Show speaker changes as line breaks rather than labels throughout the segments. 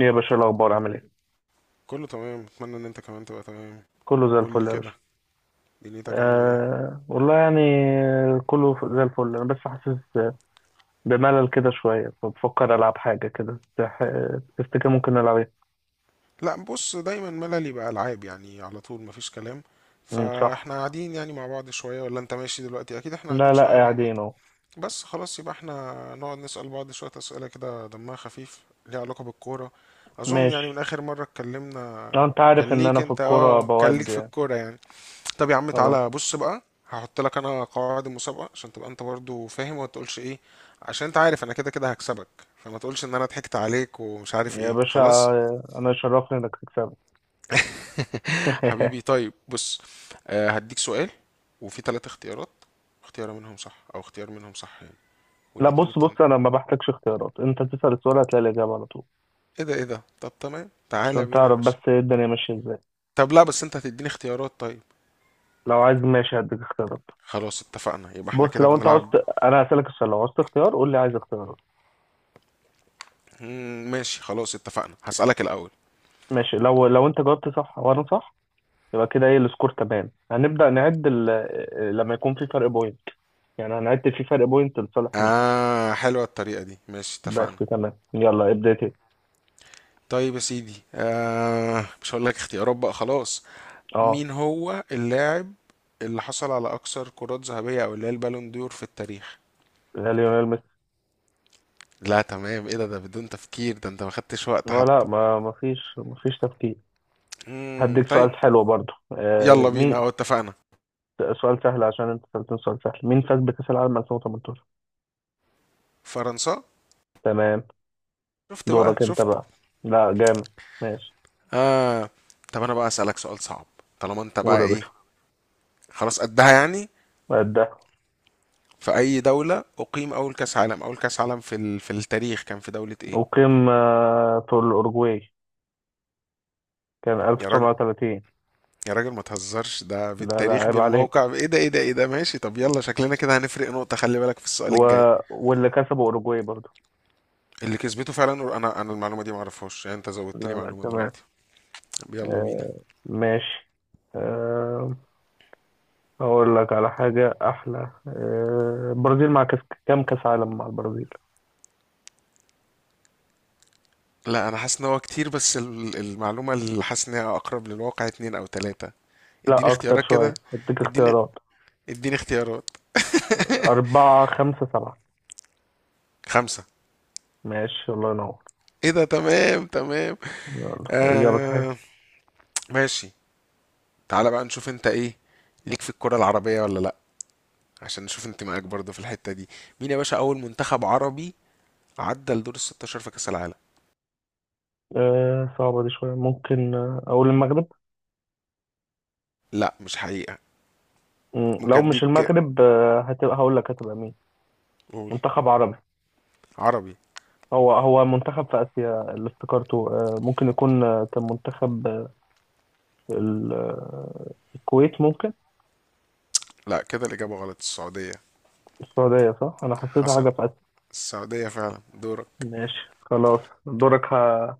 إيه يا باشا، إيه الأخبار؟ عامل إيه؟
كله تمام، اتمنى ان انت كمان تبقى تمام.
كله زي
قول لي
الفل يا
كده،
باشا.
دنيتك عامله ايه؟
آه والله يعني كله زي الفل. أنا بس حاسس بملل كده شوية، فبفكر ألعب حاجة كده. تفتكر ممكن نلعب إيه؟
لا بص، دايما مللي بقى العاب يعني على طول مفيش كلام.
مم، صح.
فاحنا قاعدين يعني مع بعض شويه، ولا انت ماشي دلوقتي؟ اكيد احنا
لا
قاعدين
لا،
شويه مع بعض.
قاعدين أهو.
بس خلاص، يبقى احنا نقعد نسال بعض شويه اسئله كده دمها خفيف، ليها علاقه بالكوره، اظن يعني من
ماشي.
اخر مره اتكلمنا.
آه، أنت
كان
عارف إن
ليك
أنا في
انت
الكورة
اه كان
بود
ليك في
يعني.
الكوره يعني. طب يا عم
خلاص
تعالى بص بقى، هحط لك انا قواعد المسابقه عشان تبقى انت برضو فاهم وما تقولش ايه. عشان انت عارف انا كده كده هكسبك، فما تقولش ان انا ضحكت عليك ومش عارف
يا
ايه
باشا،
خلاص.
أنا يشرفني إنك تكسبني.
حبيبي طيب بص. آه هديك سؤال، وفي ثلاث اختيارات، اختيار منهم صح او اختيار منهم صح يعني،
لا
والاتنين
بص
التانيين.
بص، أنا ما بحتاجش اختيارات، أنت تسأل السؤال هتلاقي الإجابة على طول.
ايه ده. طب تمام تعالى
عشان
بينا يا
تعرف بس
باشا.
إيه الدنيا ماشية إزاي.
طب لا بس انت هتديني اختيارات طيب.
لو عايز ماشي هديك اختيارات.
خلاص اتفقنا، يبقى احنا
بص
كده
لو انت عاوز
بنلعب.
انا هسألك السؤال، لو عاوزت اختيار قول لي عايز اختيارات.
ماشي، خلاص اتفقنا، هسألك الأول.
ماشي، لو انت جاوبت صح وانا صح، يبقى كده ايه السكور؟ تمام، هنبدأ نعد لما يكون في فرق بوينت. يعني هنعد في فرق بوينت لصالح مين.
آه، حلوة الطريقة دي، ماشي
بس
اتفقنا.
تمام، يلا ابدأ انت.
طيب يا سيدي، آه مش هقول لك اختيارات بقى خلاص.
اه.
مين هو اللاعب اللي حصل على اكثر كرات ذهبية، او اللي هي البالون دور، في التاريخ؟
لا، ليونيل ميسي.
لا تمام، ايه ده؟ ده بدون تفكير، ده انت ما خدتش وقت
ولا،
حتى.
ما فيش تفكير. هديك
طيب.
سؤال حلو برضو.
يلا بينا،
مين.
اه اتفقنا.
سؤال سهل عشان انت سألتني سؤال سهل. مين فاز بكأس العالم 2018؟
فرنسا.
تمام.
شفت بقى،
دورك انت
شفت.
بقى. لا، جامد. ماشي.
اه. طب انا بقى اسالك سؤال صعب، طالما انت
قول
بقى
يا
ايه، خلاص قدها يعني.
باشا.
في اي دولة اقيم اول كاس عالم؟ اول كاس عالم في في التاريخ كان في دولة ايه؟
أقيم في الأورجواي، كان
يا راجل،
1930.
يا راجل ما تهزرش، ده
لا لا،
بالتاريخ
عيب عليك.
بالموقع. ايه ده ايه ده ايه ده، ماشي. طب يلا شكلنا كده هنفرق نقطة، خلي بالك في السؤال
و...
الجاي.
واللي كسبوا أوروجواي برضو.
اللي كسبته فعلا، انا المعلومة دي ما اعرفهاش يعني، انت
لا
زودت لي
لا،
معلومة
تمام.
دلوقتي. طب يلا بينا.
آه ماشي. آه أقول لك على حاجة أحلى. البرازيل مع كاس. كام كأس عالم مع البرازيل؟
لا انا حاسس ان هو كتير، بس المعلومة اللي حاسس ان هي اقرب للواقع اتنين او تلاتة. اديني
لا أكتر
اختيارات كده،
شوية، أديك
اديني
اختيارات.
اديني اختيارات.
أربعة، خمسة، سبعة.
خمسة.
ماشي، الله ينور.
ايه ده، تمام تمام.
يلا، إجابة
آه
صحيحة.
ماشي. تعالى بقى نشوف انت ايه ليك في الكرة العربية ولا لا، عشان نشوف انتمائك برضه في الحتة دي. مين يا باشا أول منتخب عربي عدى لدور الستاشر في كأس العالم؟
آه، صعبة دي شوية. ممكن أقول المغرب.
لا مش حقيقة.
مم،
ممكن
لو مش
أديك.
المغرب هتبقى، هقول لك هتبقى مين.
قول.
منتخب عربي.
عربي.
هو هو منتخب في آسيا اللي افتكرته. ممكن يكون كان منتخب الكويت ممكن.
لا كده الإجابة غلط. السعودية.
السعودية صح؟ أنا حسيتها
حصل.
حاجة في آسيا.
السعودية فعلا. دورك.
ماشي، خلاص. دورك.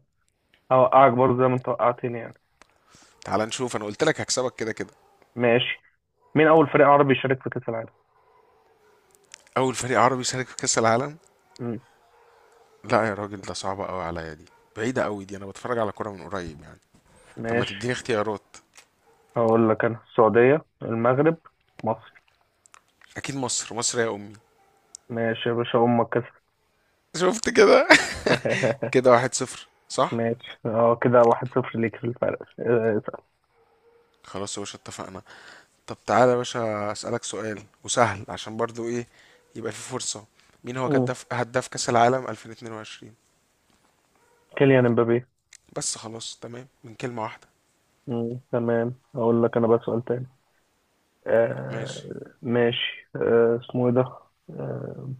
هوقعك برضه زي ما أنت وقعتني يعني.
تعال نشوف، أنا قلت لك هكسبك كده كده.
ماشي. مين أول فريق عربي يشارك في كأس العالم؟
أول فريق عربي شارك في كأس العالم.
مم.
لا يا راجل، ده صعبة أوي عليا دي، بعيدة أوي دي، أنا بتفرج على كورة من قريب يعني. طب ما
ماشي،
تديني اختيارات.
هقول لك أنا: السعودية، المغرب، مصر.
أكيد مصر، مصر يا أمي.
ماشي يا باشا، أمك كسب.
شفت كده. كده واحد صفر صح.
ماشي، اه كده 1-0 ليك في الفرق. اسأل.
خلاص يا باشا اتفقنا. طب تعالى يا باشا أسألك سؤال وسهل عشان برضو ايه، يبقى في فرصة. مين هو
مم.
كدف هداف كأس العالم 2022؟
كيليان امبابي.
بس خلاص، تمام من كلمة واحدة.
مم، تمام. هقول لك أنا بقى سؤال تاني. آه
ماشي.
ماشي. اسمه ايه ده. آه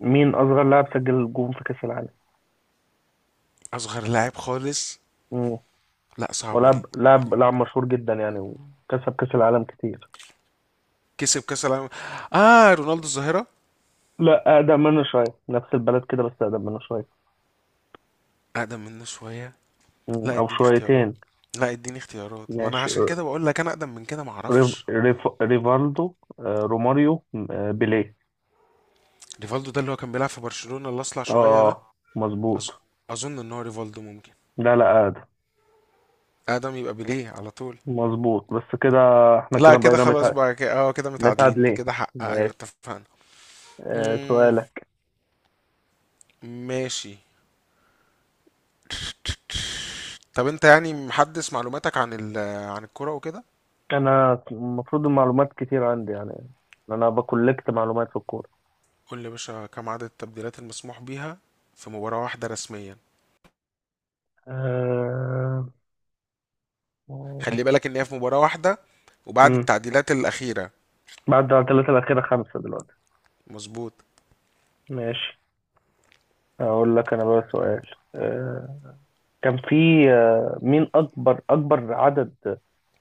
مين اصغر لاعب سجل جون في كاس العالم؟
أصغر لاعب خالص.
مم.
لا صعبة دي.
ولاعب لاعب لاعب مشهور جدا يعني، وكسب كاس العالم كتير.
كسب كأس العالم. آه رونالدو الظاهرة.
لا، اقدم منه شويه، نفس البلد كده بس اقدم منه شويه.
أقدم منه شوية.
مم،
لا
او
اديني اختيارات،
شويتين.
لا اديني اختيارات، ما انا
ماشي.
عشان كده بقول لك انا اقدم من كده ما اعرفش.
ريفالدو، روماريو، بيليه.
ريفالدو ده اللي هو كان بيلعب في برشلونة اللي اصلع شوية ده.
اه، مظبوط.
أظ... اظن ان هو ريفالدو ممكن.
لا لا، اقدم.
اقدم، يبقى بيليه على طول.
مظبوط، بس كده احنا كده
لا كده
بقينا
خلاص بقى كده، اه كده متعادلين،
متعادلين.
كده حق ايوه
ماشي.
اتفقنا.
آه
مم،
سؤالك.
ماشي. طب انت يعني محدث معلوماتك عن عن الكرة وكده.
انا المفروض المعلومات كتير عندي يعني. انا بكولكت معلومات في الكوره.
قول لي يا باشا، كم عدد التبديلات المسموح بيها في مباراة واحدة رسميا؟
أه...
خلي بالك ان هي في مباراة واحدة، وبعد
امم
التعديلات الأخيرة.
بعد على الثلاثه الاخيره، خمسه دلوقتي.
مظبوط.
ماشي. اقول لك انا بقى سؤال. كان في، مين اكبر اكبر عدد،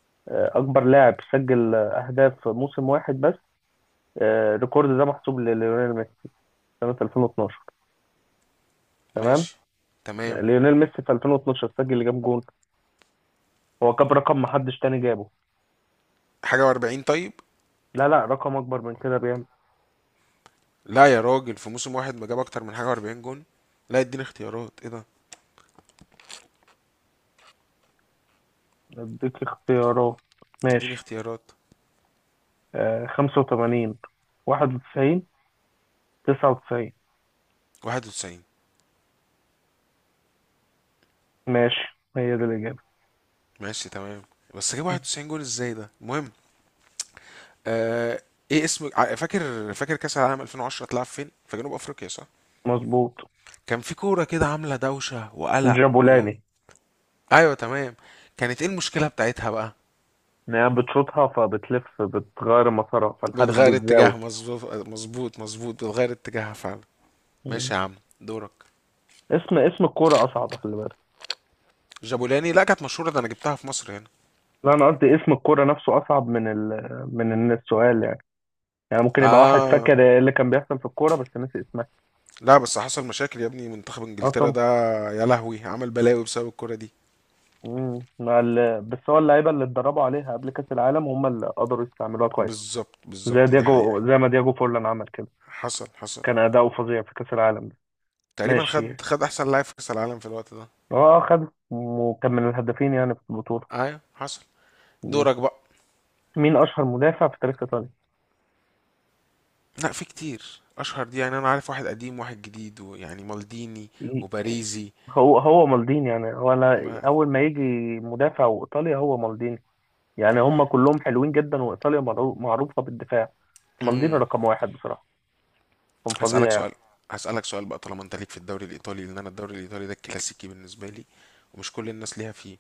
اكبر لاعب سجل اهداف في موسم واحد بس. الريكورد ده محسوب لليونيل ميسي سنه 2012. تمام.
ماشي تمام.
ليونيل ميسي في 2012 سجل كام جون؟ هو جاب رقم محدش تاني جابه.
حاجة وأربعين طيب.
لا لا، رقم اكبر من كده بيعمل.
لا يا راجل، في موسم واحد ما جاب أكتر من حاجة وأربعين جون. لا اديني اختيارات، ايه ده.
اديك اختيارات.
اديني
ماشي.
اختيارات.
85، 91، 99.
واحد وتسعين.
ماشي، هي دي الإجابة.
ماشي تمام. بس جاب واحد وتسعين جون ازاي، ده المهم. آه. ايه اسم فاكر كاس العالم 2010 اتلعب فين؟ في جنوب افريقيا صح.
مظبوط.
كان في كوره كده عامله دوشه وقلق
جابولاني.
ايوه تمام. كانت ايه المشكله بتاعتها بقى؟
إن هي بتشوطها فبتلف بتغير مسارها فالحارس
بتغير
بيتزاول.
اتجاه، مظبوط مظبوط مظبوط، بتغير اتجاهها فعلا. ماشي
مم.
يا عم. دورك.
اسم اسم الكورة أصعب، خلي بالك.
جابولاني. لا كانت مشهوره ده، انا جبتها في مصر هنا.
لا، أنا قصدي اسم الكورة نفسه أصعب من ال من إن السؤال يعني. يعني ممكن يبقى واحد
اه.
فاكر إيه اللي كان بيحصل في الكورة بس نسي اسمها.
لا بس حصل مشاكل يا ابني منتخب
أه
انجلترا
طبعا.
ده. يا لهوي، عمل بلاوي بسبب الكوره دي.
مم. مع بس هو اللعيبة اللي اتدربوا عليها قبل كأس العالم هم اللي قدروا يستعملوها كويس.
بالظبط
زي
بالظبط، دي حقيقه.
دياجو، زي ما دياجو فورلان عمل كده.
حصل حصل.
كان أداؤه فظيع في كأس العالم ده.
تقريبا
ماشي.
خد، خد احسن لاعب في كاس العالم في الوقت ده.
اه، خد، وكان من الهدافين يعني في البطولة.
ايوه حصل.
م.
دورك بقى.
مين أشهر مدافع في تاريخ إيطاليا؟
لا في كتير اشهر دي يعني، انا عارف واحد قديم واحد جديد، ويعني مالديني
ي-
وباريزي.
هو هو مالديني، يعني هو أنا
ما...
أول ما يجي مدافع وإيطاليا هو مالديني. يعني هم كلهم حلوين جدا، وإيطاليا معروفة بالدفاع. مالديني
مم.
رقم واحد بصراحة. كان
هسألك
فظيع يعني.
سؤال، هسألك سؤال بقى، طالما انت ليك في الدوري الايطالي، لان انا الدوري الايطالي ده الكلاسيكي بالنسبة لي ومش كل الناس ليها فيه.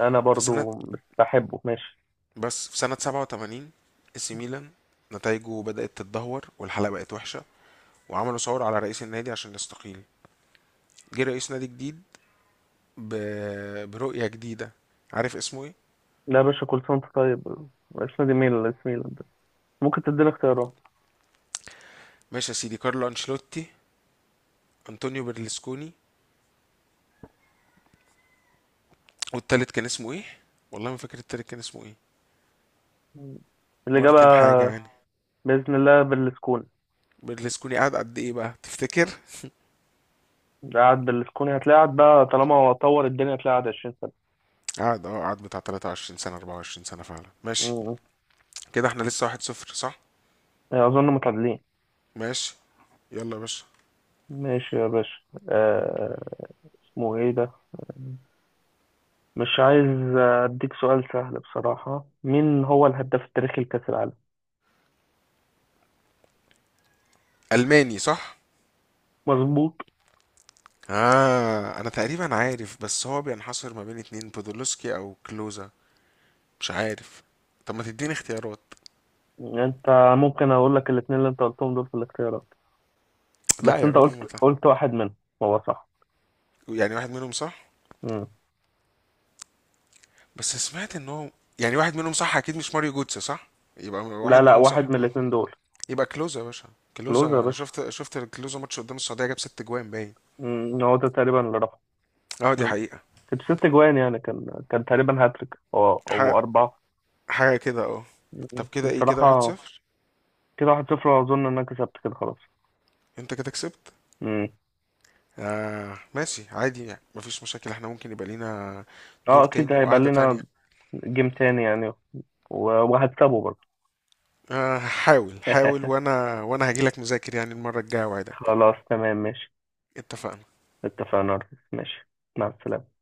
أنا
في سنة
برضو بحبه، ماشي.
بس في سنة 87 اي سي ميلان نتائجه بدأت تتدهور والحلقة بقت وحشة، وعملوا ثورة على رئيس النادي عشان يستقيل. جه رئيس نادي جديد ب... برؤية جديدة. عارف اسمه ايه؟
لا يا باشا، كل سنة وأنت طيب. اسم دي ميلان، اسم ميلان ده. ممكن تديني اختيارات؟
ماشي يا سيدي، كارلو انشيلوتي، أنطونيو برلسكوني، والتالت كان اسمه إيه؟ والله ما فاكر التالت كان اسمه إيه.
م. الإجابة
مارتن حاجة يعني.
بإذن الله بالسكون.
برلسكوني قعد قد إيه بقى؟ تفتكر؟
قاعد بالسكون، هتلاعب بقى طالما هو طور الدنيا، هتلاعب 20 سنة.
قعد، أه قعد بتاع 23 سنة 24 سنة فعلا، ماشي.
مم.
كده إحنا لسه 1-0، صح؟
أظن متعادلين.
ماشي. يلا يا باشا.
ماشي يا باشا. آه... اسمه إيه ده. مش عايز أديك سؤال سهل بصراحة. مين هو الهداف التاريخي لكأس العالم؟
ألماني صح؟
مظبوط.
آه أنا تقريبا عارف، بس هو بينحصر ما بين اتنين، بودولوسكي أو كلوزا، مش عارف. طب ما تديني اختيارات.
أنت ممكن أقول لك الاتنين اللي أنت قلتهم دول في الاختيارات، بس
لا يا
أنت
راجل
قلت
ما تع-
قلت واحد منهم هو صح.
يعني واحد منهم صح.
مم.
بس سمعت ان هو يعني واحد منهم صح، اكيد مش ماريو جوتس صح، يبقى
لا
واحد
لا،
منهم
واحد
صح.
من الاتنين دول.
يبقى كلوزا يا باشا. كلوزا
كلوز يا
انا
باشا.
شفت كلوزا ماتش قدام السعوديه جاب ست جوان باين.
مم. هو ده تقريبا اللي رفعه.
اه دي حقيقه،
كانت 6 جوان، يعني كان تقريبا هاتريك او
حاجه،
اربعه.
حاجه كده اه. طب
مم،
كده ايه، كده
بصراحه.
1-0.
كده 1-0. اظن ان انا كسبت كده، خلاص.
انت كده كسبت.
مم.
آه ماشي عادي يعني، مفيش مشاكل، احنا ممكن يبقى لينا
اه،
دور
اكيد
تاني
هيبقى
وقعده
لنا
تانية.
جيم تاني يعني، وهكسبه برضه.
آه حاول حاول، وانا هجيلك مذاكر يعني المره الجايه، وعدك.
خلاص تمام ماشي.
اتفقنا.
اتفقنا يا ريس. ماشي. مع السلامه.